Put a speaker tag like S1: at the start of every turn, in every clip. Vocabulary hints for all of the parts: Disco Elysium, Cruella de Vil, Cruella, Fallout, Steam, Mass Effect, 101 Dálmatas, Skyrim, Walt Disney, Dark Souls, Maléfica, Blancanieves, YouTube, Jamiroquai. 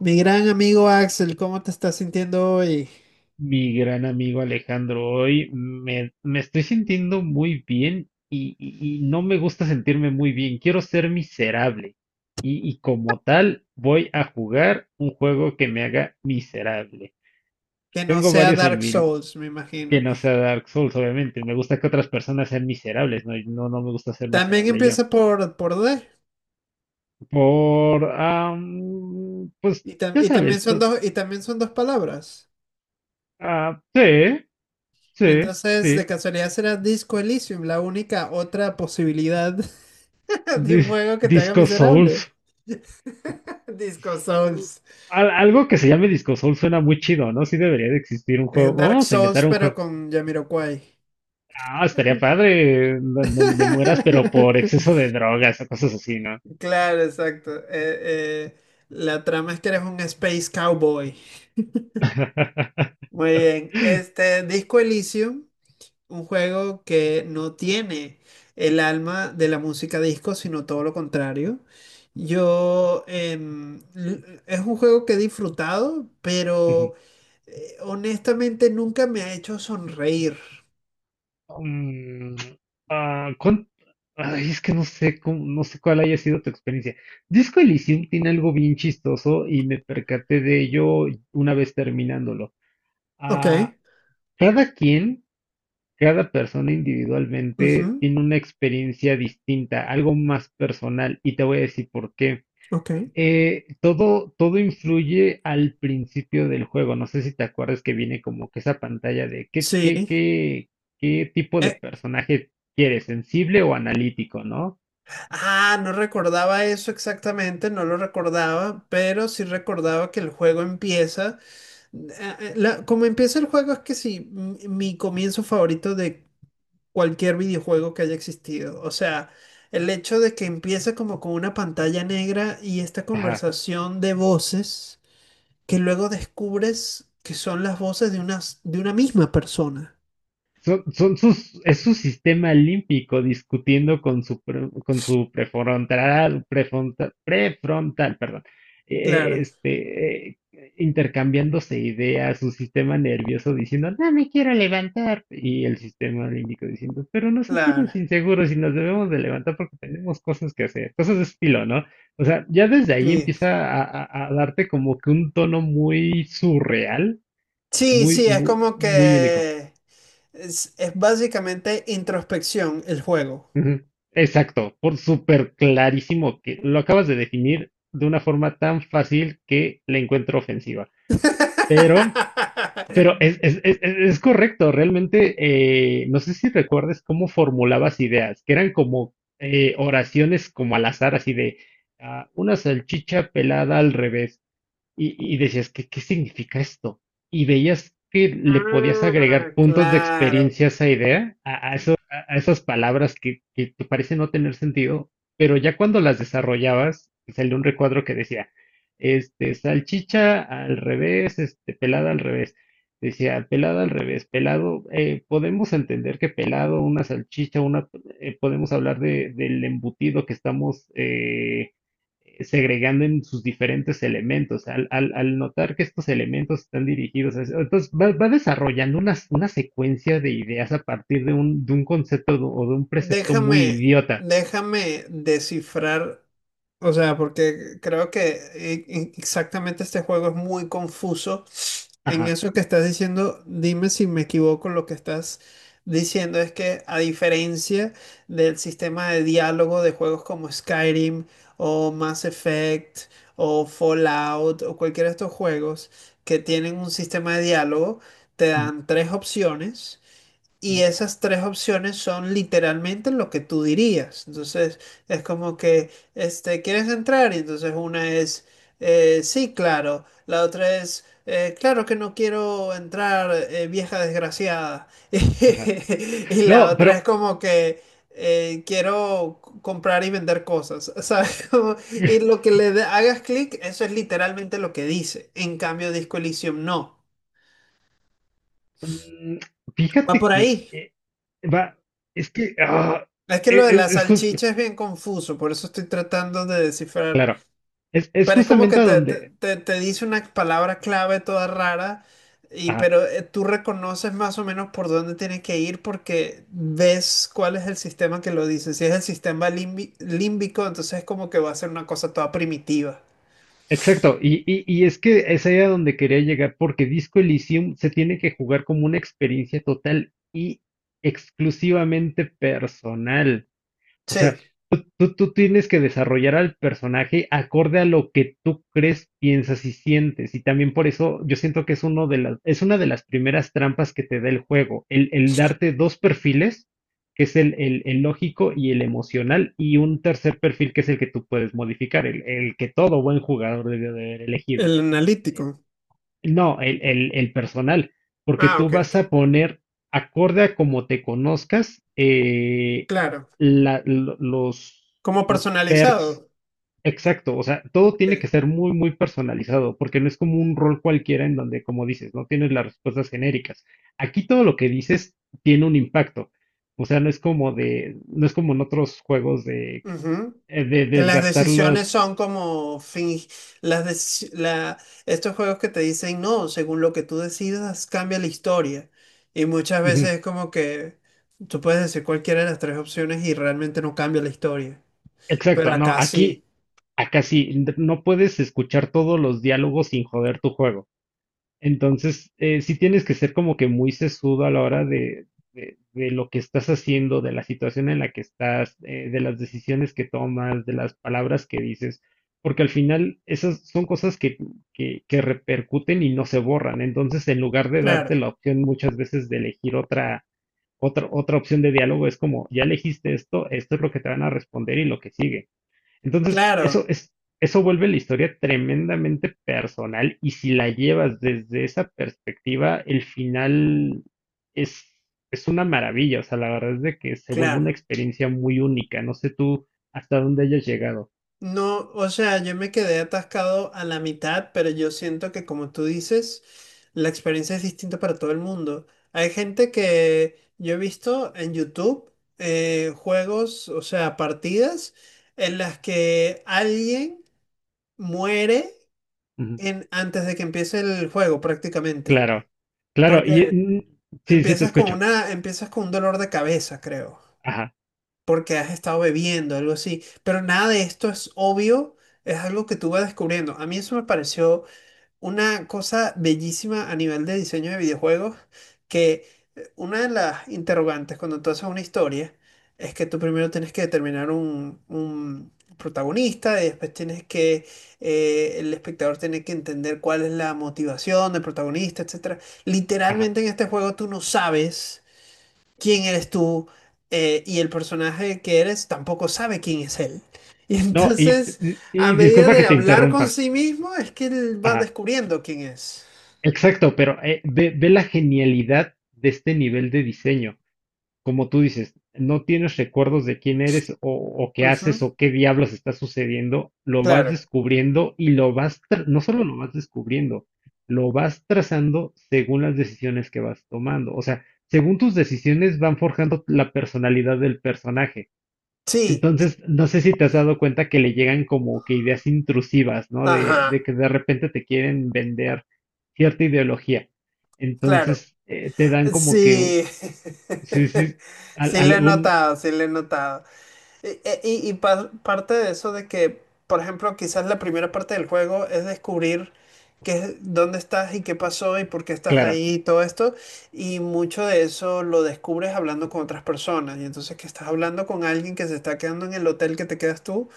S1: Mi gran amigo Axel, ¿cómo te estás sintiendo hoy?
S2: Mi gran amigo Alejandro, hoy me estoy sintiendo muy bien y no me gusta sentirme muy bien. Quiero ser miserable. Y como tal, voy a jugar un juego que me haga miserable.
S1: Que no
S2: Tengo
S1: sea
S2: varios en
S1: Dark
S2: mi,
S1: Souls, me
S2: Que
S1: imagino.
S2: no sea Dark Souls, obviamente. Me gusta que otras personas sean miserables, ¿no? Y no, no me gusta ser
S1: También
S2: miserable yo.
S1: empieza por D.
S2: Pues,
S1: Y,
S2: ya
S1: también
S2: sabes,
S1: son dos, y también son dos palabras.
S2: ah, sí, sí,
S1: Entonces, de
S2: sí.
S1: casualidad será Disco Elysium, la única otra posibilidad de un juego que te haga
S2: Disco Souls.
S1: miserable. Disco Souls.
S2: Algo que se llame Disco Soul suena muy chido, ¿no? Sí debería de existir un juego.
S1: Dark
S2: Vamos a
S1: Souls,
S2: inventar un
S1: pero
S2: juego.
S1: con Jamiroquai.
S2: Ah, estaría padre, en donde mueras, pero por exceso de drogas o cosas así, ¿no?
S1: Claro, exacto. Eh, la trama es que eres un space cowboy. Muy bien. Este Disco Elysium, un juego que no tiene el alma de la música disco, sino todo lo contrario. Yo es un juego que he disfrutado,
S2: Ujú.
S1: pero honestamente nunca me ha hecho sonreír.
S2: Mm, ah, ¿cuán- Ay, es que no sé cuál haya sido tu experiencia. Disco Elysium tiene algo bien chistoso y me percaté de ello una vez terminándolo.
S1: Ok,
S2: Ah, cada quien Cada persona individualmente
S1: ujú,
S2: tiene una experiencia distinta, algo más personal, y te voy a decir por qué.
S1: ok.
S2: Todo influye al principio del juego. No sé si te acuerdas que viene como que esa pantalla de qué, qué,
S1: Sí.
S2: qué, qué tipo de
S1: Eh,
S2: personaje quieres, sensible o analítico, ¿no?
S1: no recordaba eso exactamente, no lo recordaba, pero sí recordaba que el juego empieza. Eh, como empieza el juego es que sí, mi comienzo favorito de cualquier videojuego que haya existido. O sea, el hecho de que empieza como con una pantalla negra y esta
S2: Ajá.
S1: conversación de voces que luego descubres que son las voces de de una misma persona.
S2: Es su sistema límpico discutiendo con con su prefrontal, perdón, eh, eh,
S1: Claro,
S2: este, eh, intercambiándose ideas, su sistema nervioso diciendo, no me quiero levantar, y el sistema límbico diciendo, pero nos
S1: claro.
S2: sentimos inseguros y nos debemos de levantar porque tenemos cosas que hacer, cosas de estilo, ¿no? O sea, ya desde ahí
S1: Sí,
S2: empieza a darte como que un tono muy surreal,
S1: sí,
S2: muy,
S1: sí, es
S2: muy,
S1: como
S2: muy único.
S1: que es básicamente introspección el juego.
S2: Ujú, exacto, por súper clarísimo que lo acabas de definir de una forma tan fácil que le encuentro ofensiva. Pero, pero es, es, es, es- es correcto, realmente. No sé si recuerdes cómo formulabas ideas, que eran como oraciones como al azar, así de una salchicha pelada al revés. Y decías, ¿qué significa esto? Y veías que le podías
S1: Ah,
S2: agregar puntos de
S1: claro.
S2: experiencia a esa idea, a esas palabras que te parece no tener sentido, pero ya cuando las desarrollabas, salió un recuadro que decía, salchicha al revés, pelada al revés. Decía, pelada al revés, pelado, podemos entender que pelado, una salchicha, podemos hablar del embutido que estamos segregando en sus diferentes elementos. Al notar que estos elementos están dirigidos a eso, entonces va desarrollando una secuencia de ideas a partir de un concepto o de un precepto muy
S1: Déjame,
S2: idiota.
S1: déjame descifrar, o sea, porque creo que exactamente este juego es muy confuso. En
S2: Ajá.
S1: eso que estás diciendo, dime si me equivoco, lo que estás diciendo es que a diferencia del sistema de diálogo de juegos como Skyrim o Mass Effect o Fallout o cualquiera de estos juegos que tienen un sistema de diálogo, te dan tres opciones. Y esas tres opciones son literalmente lo que tú dirías. Entonces, es como que, este, ¿quieres entrar? Y entonces una es, sí, claro. La otra es, claro que no quiero entrar, vieja desgraciada.
S2: Ajá.
S1: Y la
S2: No,
S1: otra es
S2: pero
S1: como que, quiero comprar y vender cosas, ¿sabes? Como... Y lo que hagas clic, eso es literalmente lo que dice. En cambio, Disco Elysium no.
S2: mm,
S1: Va
S2: fíjate
S1: por
S2: que
S1: ahí.
S2: va, es que ah,
S1: Es que lo
S2: e-
S1: de
S2: es,
S1: la
S2: es, jus-
S1: salchicha es bien confuso, por eso estoy tratando de descifrar.
S2: claro, es
S1: Pero es como que
S2: justamente a donde,
S1: te dice una palabra clave toda rara, y,
S2: ajá.
S1: pero tú reconoces más o menos por dónde tienes que ir porque ves cuál es el sistema que lo dice. Si es el sistema límbico, entonces es como que va a ser una cosa toda primitiva.
S2: Exacto, y es que esa era donde quería llegar, porque Disco Elysium se tiene que jugar como una experiencia total y exclusivamente personal. O sea,
S1: Sí,
S2: tú tienes que desarrollar al personaje acorde a lo que tú crees, piensas y sientes. Y también por eso yo siento que es una de las primeras trampas que te da el juego, el darte dos perfiles, que es el lógico y el emocional, y un tercer perfil que es el que tú puedes modificar, el que todo buen jugador debe de haber elegido.
S1: el analítico.
S2: No, el personal, porque
S1: Ah,
S2: tú
S1: ok,
S2: vas a
S1: ok.
S2: poner, acorde a como te conozcas,
S1: Claro.
S2: la- lo- los,
S1: Como
S2: los perks.
S1: personalizado.
S2: Exacto, o sea, todo tiene que
S1: Ok.
S2: ser muy, muy personalizado, porque no es como un rol cualquiera en donde, como dices, no tienes las respuestas genéricas. Aquí todo lo que dices tiene un impacto. O sea, no es como en otros juegos de,
S1: Ujú.
S2: eh, de
S1: Que las
S2: desgastar los.
S1: decisiones son como fin, las deci- la- estos juegos que te dicen no, según lo que tú decidas, cambia la historia. Y muchas veces
S2: Ujú,
S1: es como que tú puedes decir cualquiera de las tres opciones y realmente no cambia la historia. Pero
S2: exacto, no,
S1: acá sí.
S2: aquí. Acá sí, no puedes escuchar todos los diálogos sin joder tu juego. Entonces, sí tienes que ser como que muy sesudo a la hora de lo que estás haciendo, de la situación en la que estás, de las decisiones que tomas, de las palabras que dices, porque al final esas son cosas que repercuten y no se borran. Entonces, en lugar de
S1: Claro,
S2: darte la opción muchas veces de elegir otra opción de diálogo, es como, ya elegiste esto, esto es lo que te van a responder y lo que sigue. Entonces,
S1: claro,
S2: eso vuelve la historia tremendamente personal y si la llevas desde esa perspectiva, el final es, es una maravilla. O sea, la verdad es de que se vuelve una
S1: claro.
S2: experiencia muy única. No sé tú hasta dónde hayas llegado.
S1: No, o sea, yo me quedé atascado a la mitad, pero yo siento que como tú dices, la experiencia es distinta para todo el mundo. Hay gente que yo he visto en YouTube juegos, o sea, partidas en las que alguien muere
S2: Ujú,
S1: antes de que empiece el juego prácticamente.
S2: claro, claro. Y
S1: Porque
S2: sí, sí te escucho.
S1: empiezas con un dolor de cabeza, creo.
S2: Ajá,
S1: Porque has estado bebiendo, algo así. Pero nada de esto es obvio, es algo que tú vas descubriendo. A mí eso me pareció una cosa bellísima a nivel de diseño de videojuegos, que una de las interrogantes cuando tú haces una historia es que tú primero tienes que determinar un protagonista y después tienes que, el espectador tiene que entender cuál es la motivación del protagonista, etcétera.
S2: ajá.
S1: Literalmente en este juego tú no sabes quién eres tú y el personaje que eres tampoco sabe quién es él. Y
S2: No, y,
S1: entonces, a
S2: y
S1: medida
S2: disculpa que
S1: de
S2: te
S1: hablar con
S2: interrumpa.
S1: sí mismo, es que él va
S2: Ajá.
S1: descubriendo quién es.
S2: Exacto, pero ve la genialidad de este nivel de diseño. Como tú dices, no tienes recuerdos de quién eres o qué haces
S1: Ujú,
S2: o qué diablos está sucediendo, lo vas
S1: claro.
S2: descubriendo y no solo lo vas descubriendo, lo vas trazando según las decisiones que vas tomando. O sea, según tus decisiones van forjando la personalidad del personaje.
S1: Sí. Y...
S2: Entonces, no sé si te has dado cuenta que le llegan como que ideas intrusivas, ¿no? De,
S1: ajá.
S2: de que de repente te quieren vender cierta ideología.
S1: Claro.
S2: Entonces, te dan como que,
S1: Sí.
S2: sí, sí,
S1: Sí, le he
S2: algún,
S1: notado, sí, le he notado. Y, parte de eso de que, por ejemplo, quizás la primera parte del juego es descubrir dónde estás y qué pasó y por qué estás
S2: claro,
S1: ahí y todo esto. Y mucho de eso lo descubres hablando con otras personas. Y entonces que estás hablando con alguien que se está quedando en el hotel que te quedas tú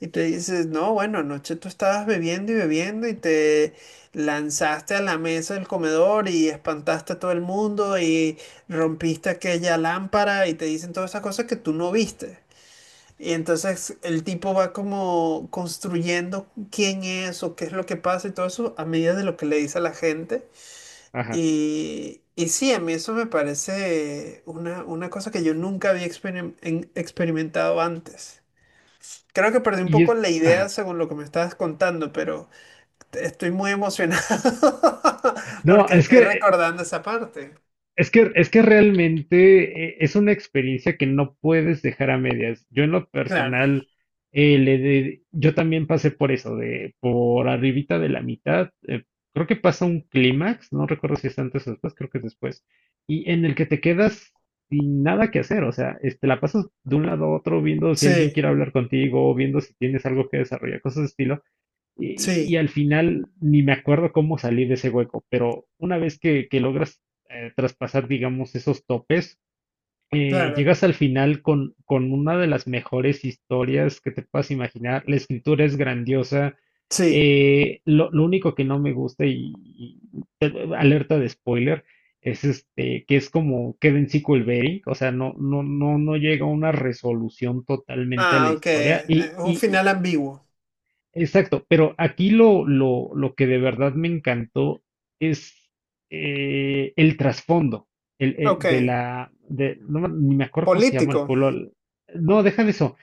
S1: y te dices, no, bueno, anoche tú estabas bebiendo y bebiendo y te lanzaste a la mesa del comedor y espantaste a todo el mundo y rompiste aquella lámpara y te dicen todas esas cosas que tú no viste. Y entonces el tipo va como construyendo quién es o qué es lo que pasa y todo eso a medida de lo que le dice a la gente.
S2: ajá.
S1: Y sí, a mí eso me parece una cosa que yo nunca había experimentado antes. Creo que perdí un
S2: Y
S1: poco
S2: es,
S1: la idea
S2: ajá.
S1: según lo que me estabas contando, pero estoy muy emocionado
S2: No,
S1: porque
S2: es
S1: estoy
S2: que,
S1: recordando esa parte.
S2: es que, es que realmente es una experiencia que no puedes dejar a medias. Yo en lo
S1: Claro.
S2: personal, yo también pasé por eso, de por arribita de la mitad. Creo que pasa un clímax, no recuerdo si es antes o después, creo que es después, y en el que te quedas sin nada que hacer. O sea, la pasas de un lado a otro viendo si alguien
S1: Sí,
S2: quiere hablar contigo, viendo si tienes algo que desarrollar, cosas de estilo. Y
S1: sí,
S2: al final ni me acuerdo cómo salí de ese hueco, pero una vez que logras traspasar, digamos, esos topes,
S1: claro.
S2: llegas al final con, una de las mejores historias que te puedas imaginar. La escritura es grandiosa.
S1: Sí.
S2: Lo único que no me gusta alerta de spoiler es este que es como queda en sequel baiting, o sea, no, no, no, no llega a una resolución totalmente a la
S1: Ah, ok.
S2: historia y,
S1: Un
S2: y,
S1: final ambiguo.
S2: Exacto, pero aquí lo que de verdad me encantó es el trasfondo,
S1: Ok.
S2: no, ni me acuerdo cómo se llama
S1: Político.
S2: el pueblo. No, deja de eso.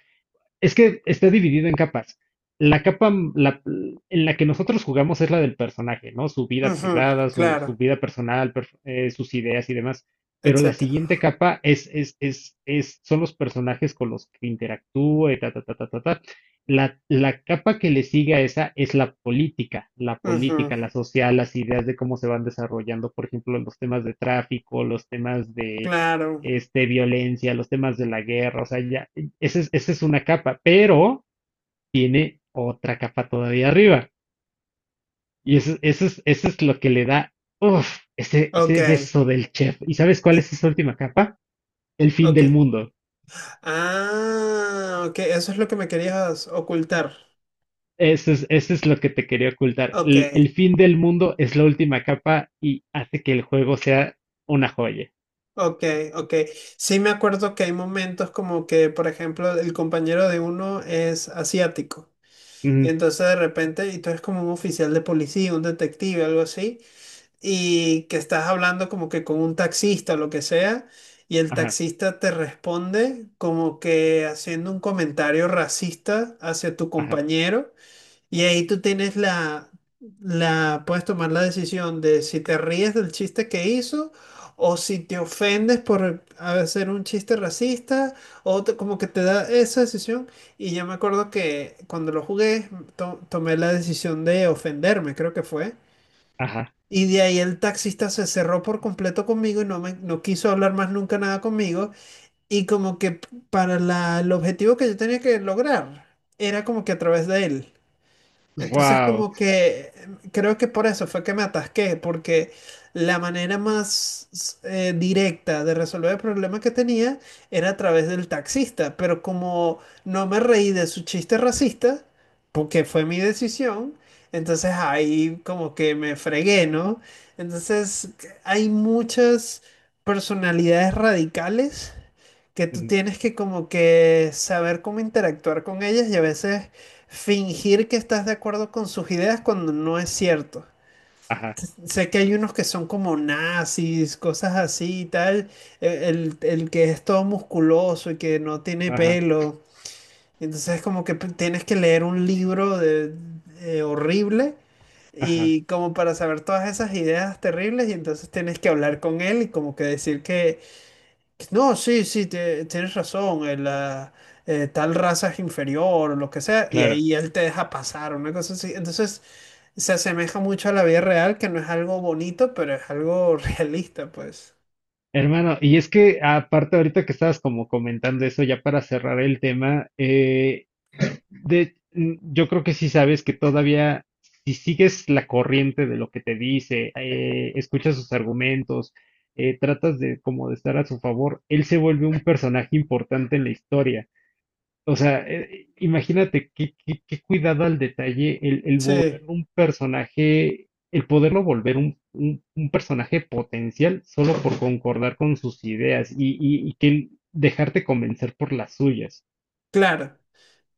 S2: Es que está dividido en capas. La capa m- la- En la que nosotros jugamos es la del personaje, ¿no? Su vida
S1: Ujú,
S2: privada, su
S1: claro,
S2: vida personal, sus ideas y demás. Pero la
S1: etcétera.
S2: siguiente capa son los personajes con los que interactúa y ta, ta, ta, ta, ta, ta. La capa que le sigue a esa es la política, la
S1: Ujú,
S2: política, la social, las ideas de cómo se van desarrollando, por ejemplo, los temas de tráfico, los temas de
S1: claro.
S2: violencia, los temas de la guerra, o sea, ya, esa es una capa, pero tiene otra capa todavía arriba. Y eso es lo que le da, uff, ese
S1: Ok.
S2: beso del chef. ¿Y sabes cuál
S1: eh,
S2: es esa última capa? El fin
S1: ok.
S2: del mundo.
S1: Ah, ok. Eso es lo que me querías ocultar.
S2: Eso es lo que te quería ocultar.
S1: Ok,
S2: El fin del mundo es la última capa y hace que el juego sea una joya.
S1: ok, ok. Sí me acuerdo que hay momentos como que, por ejemplo, el compañero de uno es asiático. Y
S2: Ujú,
S1: entonces de repente, y tú eres como un oficial de policía, un detective, algo así. Y que estás hablando como que con un taxista o lo que sea, y el
S2: ajá,
S1: taxista te responde como que haciendo un comentario racista hacia tu
S2: ajá,
S1: compañero, y ahí tú tienes puedes tomar la decisión de si te ríes del chiste que hizo. O si te ofendes por hacer un chiste racista, como que te da esa decisión. Y yo me acuerdo que cuando lo jugué, tomé la decisión de ofenderme, creo que fue.
S2: ajá.
S1: Y de ahí el taxista se cerró por completo conmigo y no quiso hablar más nunca nada conmigo. Y como que el objetivo que yo tenía que lograr era como que a través de él. Entonces
S2: Wow.
S1: como que creo que por eso fue que me atasqué, porque la manera más directa de resolver el problema que tenía era a través del taxista, pero como no me reí de su chiste racista, porque fue mi decisión, entonces ahí como que me fregué, ¿no? Entonces hay muchas personalidades radicales que tú tienes que como que saber cómo interactuar con ellas y a veces fingir que estás de acuerdo con sus ideas cuando no es cierto.
S2: Ajá,
S1: Sé que hay unos que son como nazis, cosas así y tal, el que es todo musculoso y que no tiene
S2: ajá,
S1: pelo. Entonces como que tienes que leer un libro de, horrible
S2: ajá.
S1: y como para saber todas esas ideas terribles y entonces tienes que hablar con él y como que decir que no, sí, sí, tienes razón. Tal raza es inferior o lo que sea, y
S2: Claro.
S1: ahí él te deja pasar, una cosa así. Entonces, se asemeja mucho a la vida real, que no es algo bonito, pero es algo realista, pues.
S2: Hermano, y es que aparte ahorita que estabas como comentando eso, ya para cerrar el tema, yo creo que sí sabes que todavía, si sigues la corriente de lo que te dice, escuchas sus argumentos, tratas de como de estar a su favor, él se vuelve un personaje importante en la historia. O sea, imagínate qué cuidado al detalle el
S1: Sí,
S2: volverlo un personaje, el poderlo volver un personaje potencial solo por concordar con sus ideas y dejarte convencer por las suyas.
S1: claro.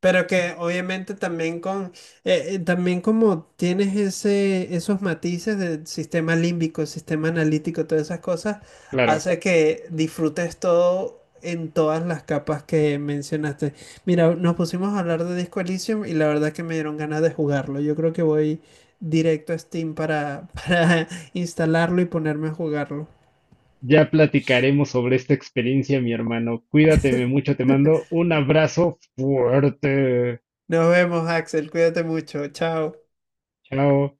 S1: Pero que obviamente también con también como tienes ese, esos matices del sistema límbico, sistema analítico, todas esas cosas,
S2: Claro,
S1: hace que disfrutes todo en todas las capas que mencionaste. Mira, nos pusimos a hablar de Disco Elysium y la verdad que me dieron ganas de jugarlo. Yo creo que voy directo a Steam para, para instalarlo y ponerme a jugarlo.
S2: ya platicaremos sobre esta experiencia, mi hermano. Cuídateme mucho, te mando un abrazo fuerte.
S1: Nos vemos, Axel. Cuídate mucho. Chao.
S2: Chao.